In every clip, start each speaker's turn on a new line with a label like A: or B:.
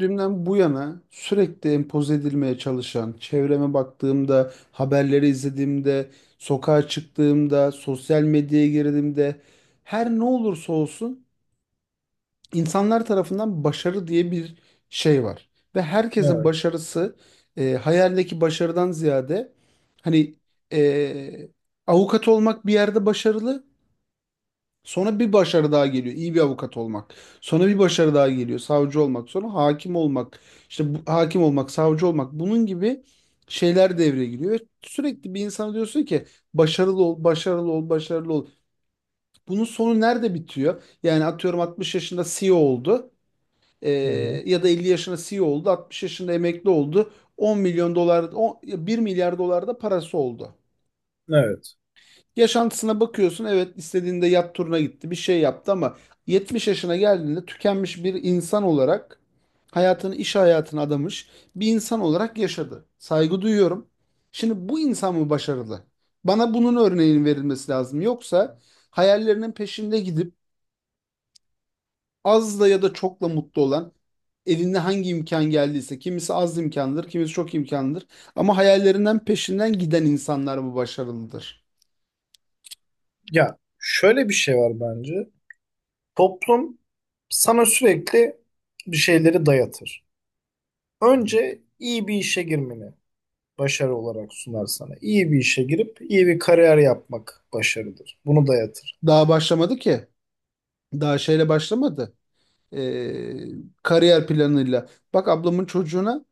A: Dünden bu yana sürekli empoze edilmeye çalışan, çevreme baktığımda, haberleri izlediğimde, sokağa çıktığımda, sosyal medyaya girdiğimde her ne olursa olsun insanlar tarafından başarı diye bir şey var. Ve herkesin
B: Evet.
A: başarısı hayaldeki başarıdan ziyade hani e, avukat olmak bir yerde başarılı. Sonra bir başarı daha geliyor. İyi bir avukat olmak. Sonra bir başarı daha geliyor. Savcı olmak. Sonra hakim olmak. İşte bu, hakim olmak, savcı olmak. Bunun gibi şeyler devreye giriyor. Ve sürekli bir insana diyorsun ki başarılı ol, başarılı ol, başarılı ol. Bunun sonu nerede bitiyor? Yani atıyorum 60 yaşında CEO oldu. Ee,
B: Hı hı.
A: Ya da 50 yaşında CEO oldu. 60 yaşında emekli oldu. 10 milyon dolar, 1 milyar dolar da parası oldu.
B: Evet.
A: Yaşantısına bakıyorsun, evet, istediğinde yat turuna gitti, bir şey yaptı ama 70 yaşına geldiğinde tükenmiş bir insan olarak hayatını iş hayatına adamış bir insan olarak yaşadı. Saygı duyuyorum. Şimdi bu insan mı başarılı? Bana bunun örneğinin verilmesi lazım. Yoksa hayallerinin peşinde gidip az da ya da çokla mutlu olan, elinde hangi imkan geldiyse, kimisi az imkandır, kimisi çok imkandır ama hayallerinden peşinden giden insanlar mı başarılıdır?
B: Ya şöyle bir şey var bence. Toplum sana sürekli bir şeyleri dayatır. Önce iyi bir işe girmeni başarı olarak sunar sana. İyi bir işe girip iyi bir kariyer yapmak başarıdır. Bunu dayatır.
A: Daha başlamadı ki. Daha şeyle başlamadı. Ee, Kariyer planıyla. Bak ablamın çocuğuna,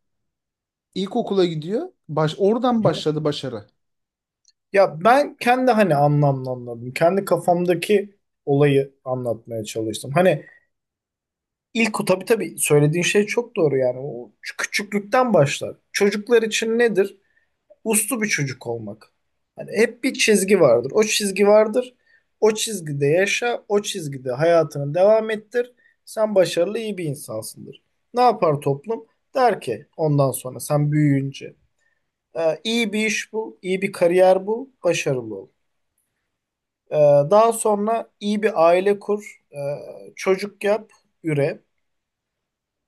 A: ilkokula gidiyor. Oradan
B: Hı hı.
A: başladı başarı.
B: Ya ben kendi hani anlamlı anladım. Kendi kafamdaki olayı anlatmaya çalıştım. Hani ilk o tabii tabii söylediğin şey çok doğru yani. O küçüklükten başlar. Çocuklar için nedir? Uslu bir çocuk olmak. Hani hep bir çizgi vardır. O çizgi vardır. O çizgide yaşa, o çizgide hayatını devam ettir. Sen başarılı iyi bir insansındır. Ne yapar toplum? Der ki ondan sonra sen büyüyünce, " iyi bir iş bul, iyi bir kariyer bul, başarılı ol. E, Daha sonra iyi bir aile kur, çocuk yap, üre.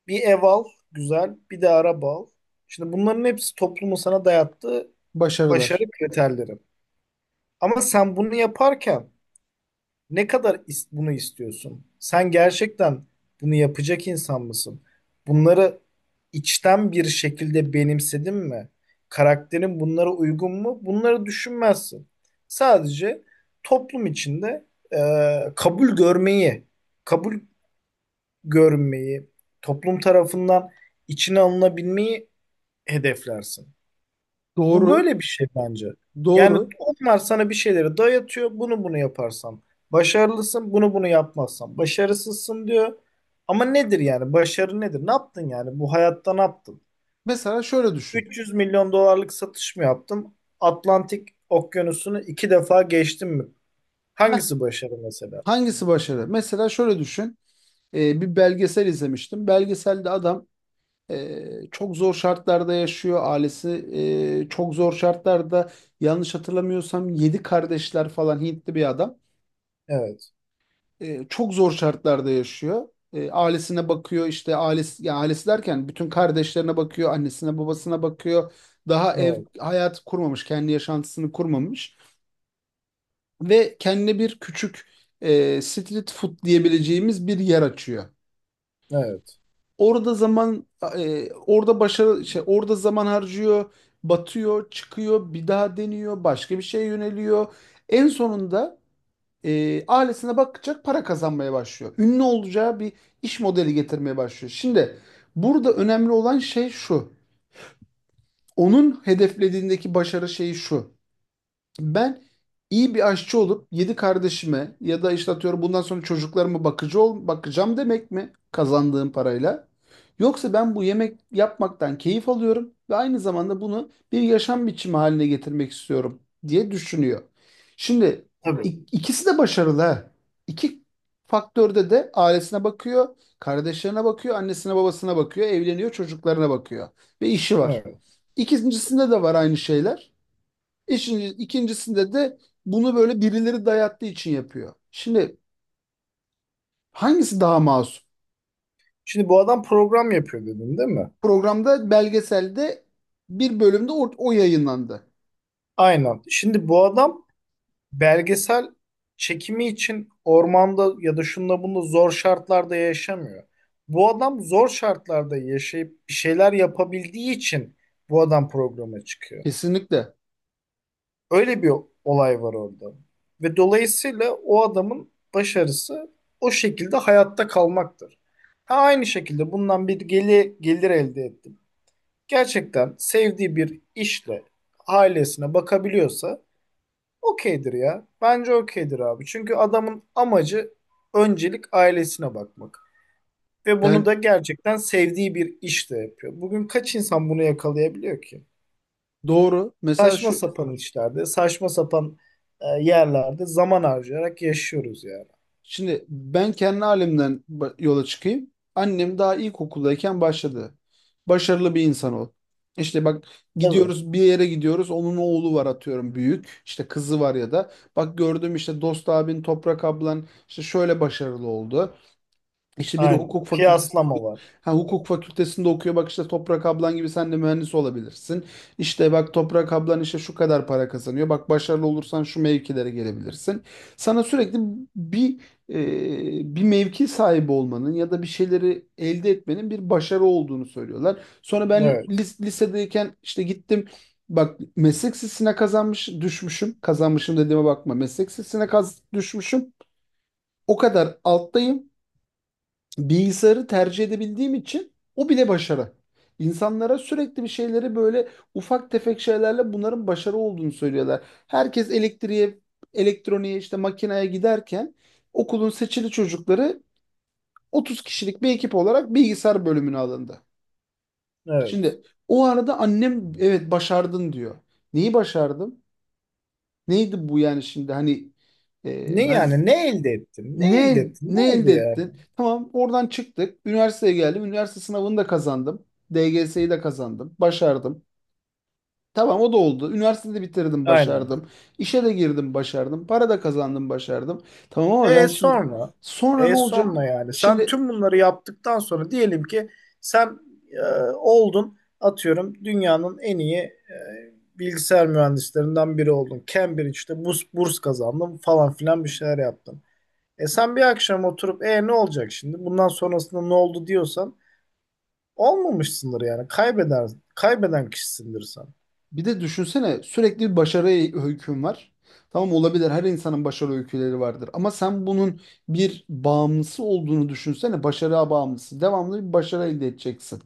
B: Bir ev al, güzel, bir de araba al. Şimdi bunların hepsi toplumun sana dayattığı başarı
A: Başarılar.
B: kriterleri. Ama sen bunu yaparken ne kadar bunu istiyorsun? Sen gerçekten bunu yapacak insan mısın? Bunları içten bir şekilde benimsedin mi? Karakterin bunlara uygun mu? Bunları düşünmezsin. Sadece toplum içinde kabul görmeyi, kabul görmeyi, toplum tarafından içine alınabilmeyi hedeflersin. Bu
A: Doğru.
B: böyle bir şey bence. Yani
A: Doğru.
B: onlar sana bir şeyleri dayatıyor. Bunu yaparsan başarılısın. Bunu yapmazsan başarısızsın diyor. Ama nedir yani? Başarı nedir? Ne yaptın yani? Bu hayatta ne yaptın?
A: Mesela şöyle düşün.
B: 300 milyon dolarlık satış mı yaptın? Atlantik Okyanusu'nu 2 defa geçtin mi?
A: Heh,
B: Hangisi başarı mesela?
A: hangisi başarı? Mesela şöyle düşün. Bir belgesel izlemiştim. Belgeselde adam çok zor şartlarda yaşıyor. Ailesi çok zor şartlarda. Yanlış hatırlamıyorsam 7 kardeşler falan, Hintli bir adam.
B: Evet.
A: Çok zor şartlarda yaşıyor. Ailesine bakıyor işte, ailesi, yani ailesi derken bütün kardeşlerine bakıyor, annesine babasına bakıyor. Daha ev
B: Evet.
A: hayatı kurmamış, kendi yaşantısını kurmamış ve kendine bir küçük street food diyebileceğimiz bir yer açıyor.
B: Evet.
A: Orada zaman e, orada başarı şey Orada zaman harcıyor, batıyor, çıkıyor, bir daha deniyor, başka bir şeye yöneliyor. En sonunda ailesine bakacak para kazanmaya başlıyor. Ünlü olacağı bir iş modeli getirmeye başlıyor. Şimdi burada önemli olan şey şu. Onun hedeflediğindeki başarı şeyi şu. Ben iyi bir aşçı olup yedi kardeşime ya da işte atıyorum bundan sonra çocuklarıma bakıcı ol, bakacağım demek mi kazandığım parayla? Yoksa ben bu yemek yapmaktan keyif alıyorum ve aynı zamanda bunu bir yaşam biçimi haline getirmek istiyorum diye düşünüyor. Şimdi
B: Tabii.
A: ikisi de başarılı. Ha. İki faktörde de ailesine bakıyor, kardeşlerine bakıyor, annesine babasına bakıyor, evleniyor, çocuklarına bakıyor ve işi var.
B: Evet.
A: İkincisinde de var aynı şeyler. İşin, ikincisinde de bunu böyle birileri dayattığı için yapıyor. Şimdi hangisi daha masum?
B: Şimdi bu adam program yapıyor dedin değil mi?
A: Programda, belgeselde bir bölümde o yayınlandı.
B: Aynen. Şimdi bu adam belgesel çekimi için ormanda ya da şunda bunda zor şartlarda yaşamıyor. Bu adam zor şartlarda yaşayıp bir şeyler yapabildiği için bu adam programa çıkıyor.
A: Kesinlikle.
B: Öyle bir olay var orada. Ve dolayısıyla o adamın başarısı o şekilde hayatta kalmaktır. Ha, aynı şekilde bundan gelir elde ettim. Gerçekten sevdiği bir işle ailesine bakabiliyorsa okeydir ya. Bence okeydir abi. Çünkü adamın amacı öncelik ailesine bakmak. Ve bunu
A: Yani
B: da gerçekten sevdiği bir işte yapıyor. Bugün kaç insan bunu yakalayabiliyor ki?
A: doğru. Mesela
B: Saçma
A: şu
B: sapan işlerde, saçma sapan yerlerde zaman harcayarak yaşıyoruz yani.
A: Şimdi ben kendi halimden yola çıkayım. Annem daha ilkokuldayken başladı. Başarılı bir insan ol. İşte bak,
B: Tabii.
A: gidiyoruz bir yere gidiyoruz. Onun oğlu var atıyorum büyük. İşte kızı var ya da. Bak gördüm işte, Dost abin, Toprak ablan işte şöyle başarılı oldu. İşte biri
B: Aynen. Kıyaslama var.
A: hukuk fakültesinde okuyor. Bak işte Toprak ablan gibi sen de mühendis olabilirsin. İşte bak Toprak ablan işte şu kadar para kazanıyor. Bak, başarılı olursan şu mevkilere gelebilirsin. Sana sürekli bir bir mevki sahibi olmanın ya da bir şeyleri elde etmenin bir başarı olduğunu söylüyorlar. Sonra ben
B: Evet.
A: lisedeyken işte gittim. Bak, meslek sesine kazanmış düşmüşüm. Kazanmışım dediğime bakma. Meslek sesine düşmüşüm. O kadar alttayım, bilgisayarı tercih edebildiğim için o bile başarı. İnsanlara sürekli bir şeyleri böyle ufak tefek şeylerle bunların başarı olduğunu söylüyorlar. Herkes elektriğe, elektroniğe, işte makineye giderken okulun seçili çocukları 30 kişilik bir ekip olarak bilgisayar bölümüne alındı.
B: Evet.
A: Şimdi o arada annem, evet başardın diyor. Neyi başardım? Neydi bu yani, şimdi hani
B: Ne
A: ben.
B: yani? Ne elde ettin? Ne elde
A: Ne,
B: ettin? Ne
A: ne
B: oldu
A: elde
B: yani?
A: ettin? Tamam, oradan çıktık. Üniversiteye geldim. Üniversite sınavını da kazandım. DGS'yi de kazandım. Başardım. Tamam, o da oldu. Üniversiteyi de bitirdim,
B: Aynen.
A: başardım. İşe de girdim, başardım. Para da kazandım, başardım. Tamam ama ben
B: E
A: şimdi,
B: sonra,
A: sonra ne
B: e
A: olacak?
B: sonra yani sen
A: Şimdi
B: tüm bunları yaptıktan sonra diyelim ki sen, e, oldun atıyorum dünyanın en iyi bilgisayar mühendislerinden biri oldun. Cambridge'de burs kazandın falan filan bir şeyler yaptın. E sen bir akşam oturup e ne olacak şimdi bundan sonrasında ne oldu diyorsan olmamışsındır yani kaybeden kişisindir sen.
A: bir de düşünsene, sürekli bir başarı öyküm var. Tamam, olabilir. Her insanın başarı öyküleri vardır. Ama sen bunun bir bağımlısı olduğunu düşünsene. Başarıya bağımlısı. Devamlı bir başarı elde edeceksin.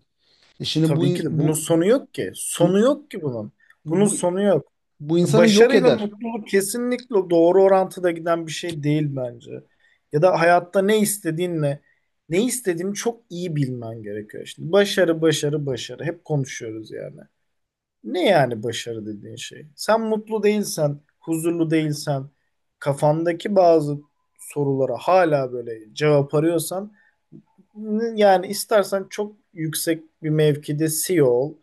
A: E şimdi bu,
B: Tabii ki de bunun
A: bu
B: sonu yok ki. Sonu
A: bu
B: yok ki bunun. Bunun
A: Bu
B: sonu yok.
A: bu insanı yok
B: Başarıyla
A: eder.
B: mutluluk kesinlikle doğru orantıda giden bir şey değil bence. Ya da hayatta ne istediğinle ne istediğini çok iyi bilmen gerekiyor. Şimdi başarı, başarı, başarı. Hep konuşuyoruz yani. Ne yani başarı dediğin şey? Sen mutlu değilsen, huzurlu değilsen, kafandaki bazı sorulara hala böyle cevap arıyorsan, yani istersen çok yüksek bir mevkide CEO ol,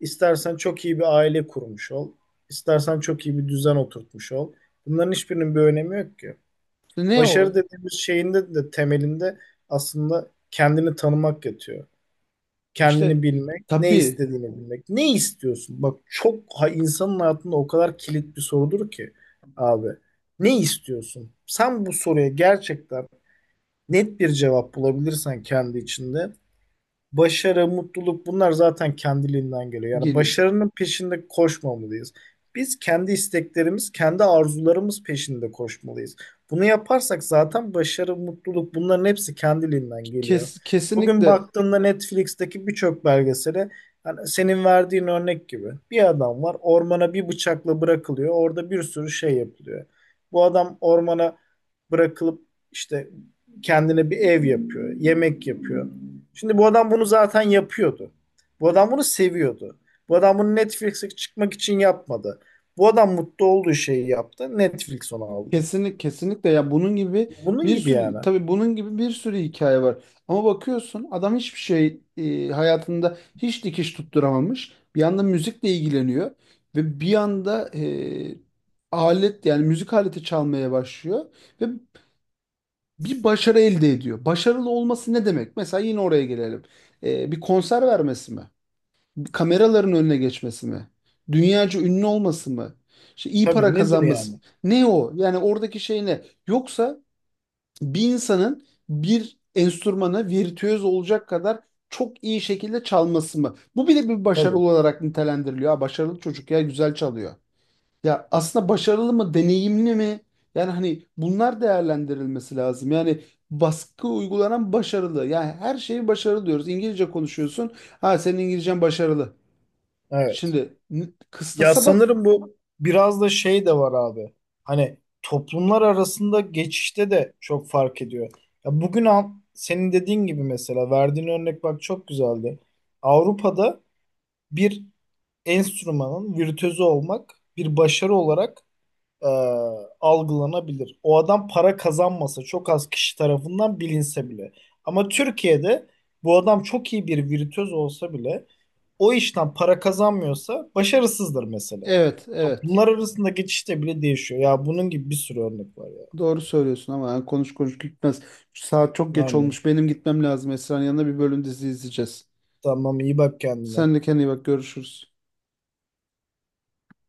B: istersen çok iyi bir aile kurmuş ol, istersen çok iyi bir düzen oturtmuş ol. Bunların hiçbirinin bir önemi yok ki.
A: İşte ne o?
B: Başarı dediğimiz şeyin de temelinde aslında kendini tanımak yatıyor. Kendini
A: İşte
B: bilmek, ne
A: tabii,
B: istediğini bilmek. Ne istiyorsun? Bak çok ha, insanın hayatında o kadar kilit bir sorudur ki abi. Ne istiyorsun? Sen bu soruya gerçekten net bir cevap bulabilirsen kendi içinde, başarı, mutluluk bunlar zaten kendiliğinden geliyor. Yani
A: geliyor.
B: başarının peşinde koşmamalıyız. Biz kendi isteklerimiz, kendi arzularımız peşinde koşmalıyız. Bunu yaparsak zaten başarı, mutluluk bunların hepsi kendiliğinden geliyor.
A: Kes,
B: Bugün
A: kesinlikle
B: baktığında Netflix'teki birçok belgesele, yani senin verdiğin örnek gibi, bir adam var ormana bir bıçakla bırakılıyor. Orada bir sürü şey yapılıyor. Bu adam ormana bırakılıp işte kendine bir ev yapıyor, yemek yapıyor. Şimdi bu adam bunu zaten yapıyordu. Bu adam bunu seviyordu. Bu adam bunu Netflix'e çıkmak için yapmadı. Bu adam mutlu olduğu şeyi yaptı. Netflix onu aldı.
A: kesinlikle kesinlikle ya bunun gibi
B: Bunun
A: bir
B: gibi yani.
A: sürü, tabii bunun gibi bir sürü hikaye var. Ama bakıyorsun adam hiçbir şey, hayatında hiç dikiş tutturamamış. Bir yanda müzikle ilgileniyor ve bir yanda alet, yani müzik aleti çalmaya başlıyor ve bir başarı elde ediyor. Başarılı olması ne demek? Mesela yine oraya gelelim. Bir konser vermesi mi? Kameraların önüne geçmesi mi? Dünyaca ünlü olması mı? İşte iyi para
B: Tabii nedir
A: kazanması.
B: yani?
A: Ne o? Yani oradaki şey ne? Yoksa bir insanın bir enstrümanı virtüöz olacak kadar çok iyi şekilde çalması mı? Bu bile bir başarı
B: Tabii.
A: olarak nitelendiriliyor. Ha, başarılı çocuk ya, güzel çalıyor. Ya aslında başarılı mı, deneyimli mi? Yani hani bunlar değerlendirilmesi lazım. Yani baskı uygulanan başarılı. Yani her şeyi başarılı diyoruz. İngilizce konuşuyorsun. Ha, senin İngilizcen başarılı.
B: Evet.
A: Şimdi
B: Ya
A: kıstasa bak.
B: sanırım bu biraz da şey de var abi. Hani toplumlar arasında geçişte de çok fark ediyor. Ya bugün al, senin dediğin gibi mesela verdiğin örnek bak çok güzeldi. Avrupa'da bir enstrümanın virtüözü olmak bir başarı olarak e, algılanabilir. O adam para kazanmasa çok az kişi tarafından bilinse bile. Ama Türkiye'de bu adam çok iyi bir virtüöz olsa bile o işten para kazanmıyorsa başarısızdır mesela.
A: Evet, evet.
B: Toplumlar arasında geçişte bile değişiyor. Ya bunun gibi bir sürü örnek var ya.
A: Doğru söylüyorsun ama yani konuş konuş gitmez. Saat çok geç
B: Aynen.
A: olmuş. Benim gitmem lazım. Esra'nın yanına bir bölüm dizi izleyeceğiz.
B: Tamam iyi bak kendine.
A: Sen de kendine iyi bak. Görüşürüz.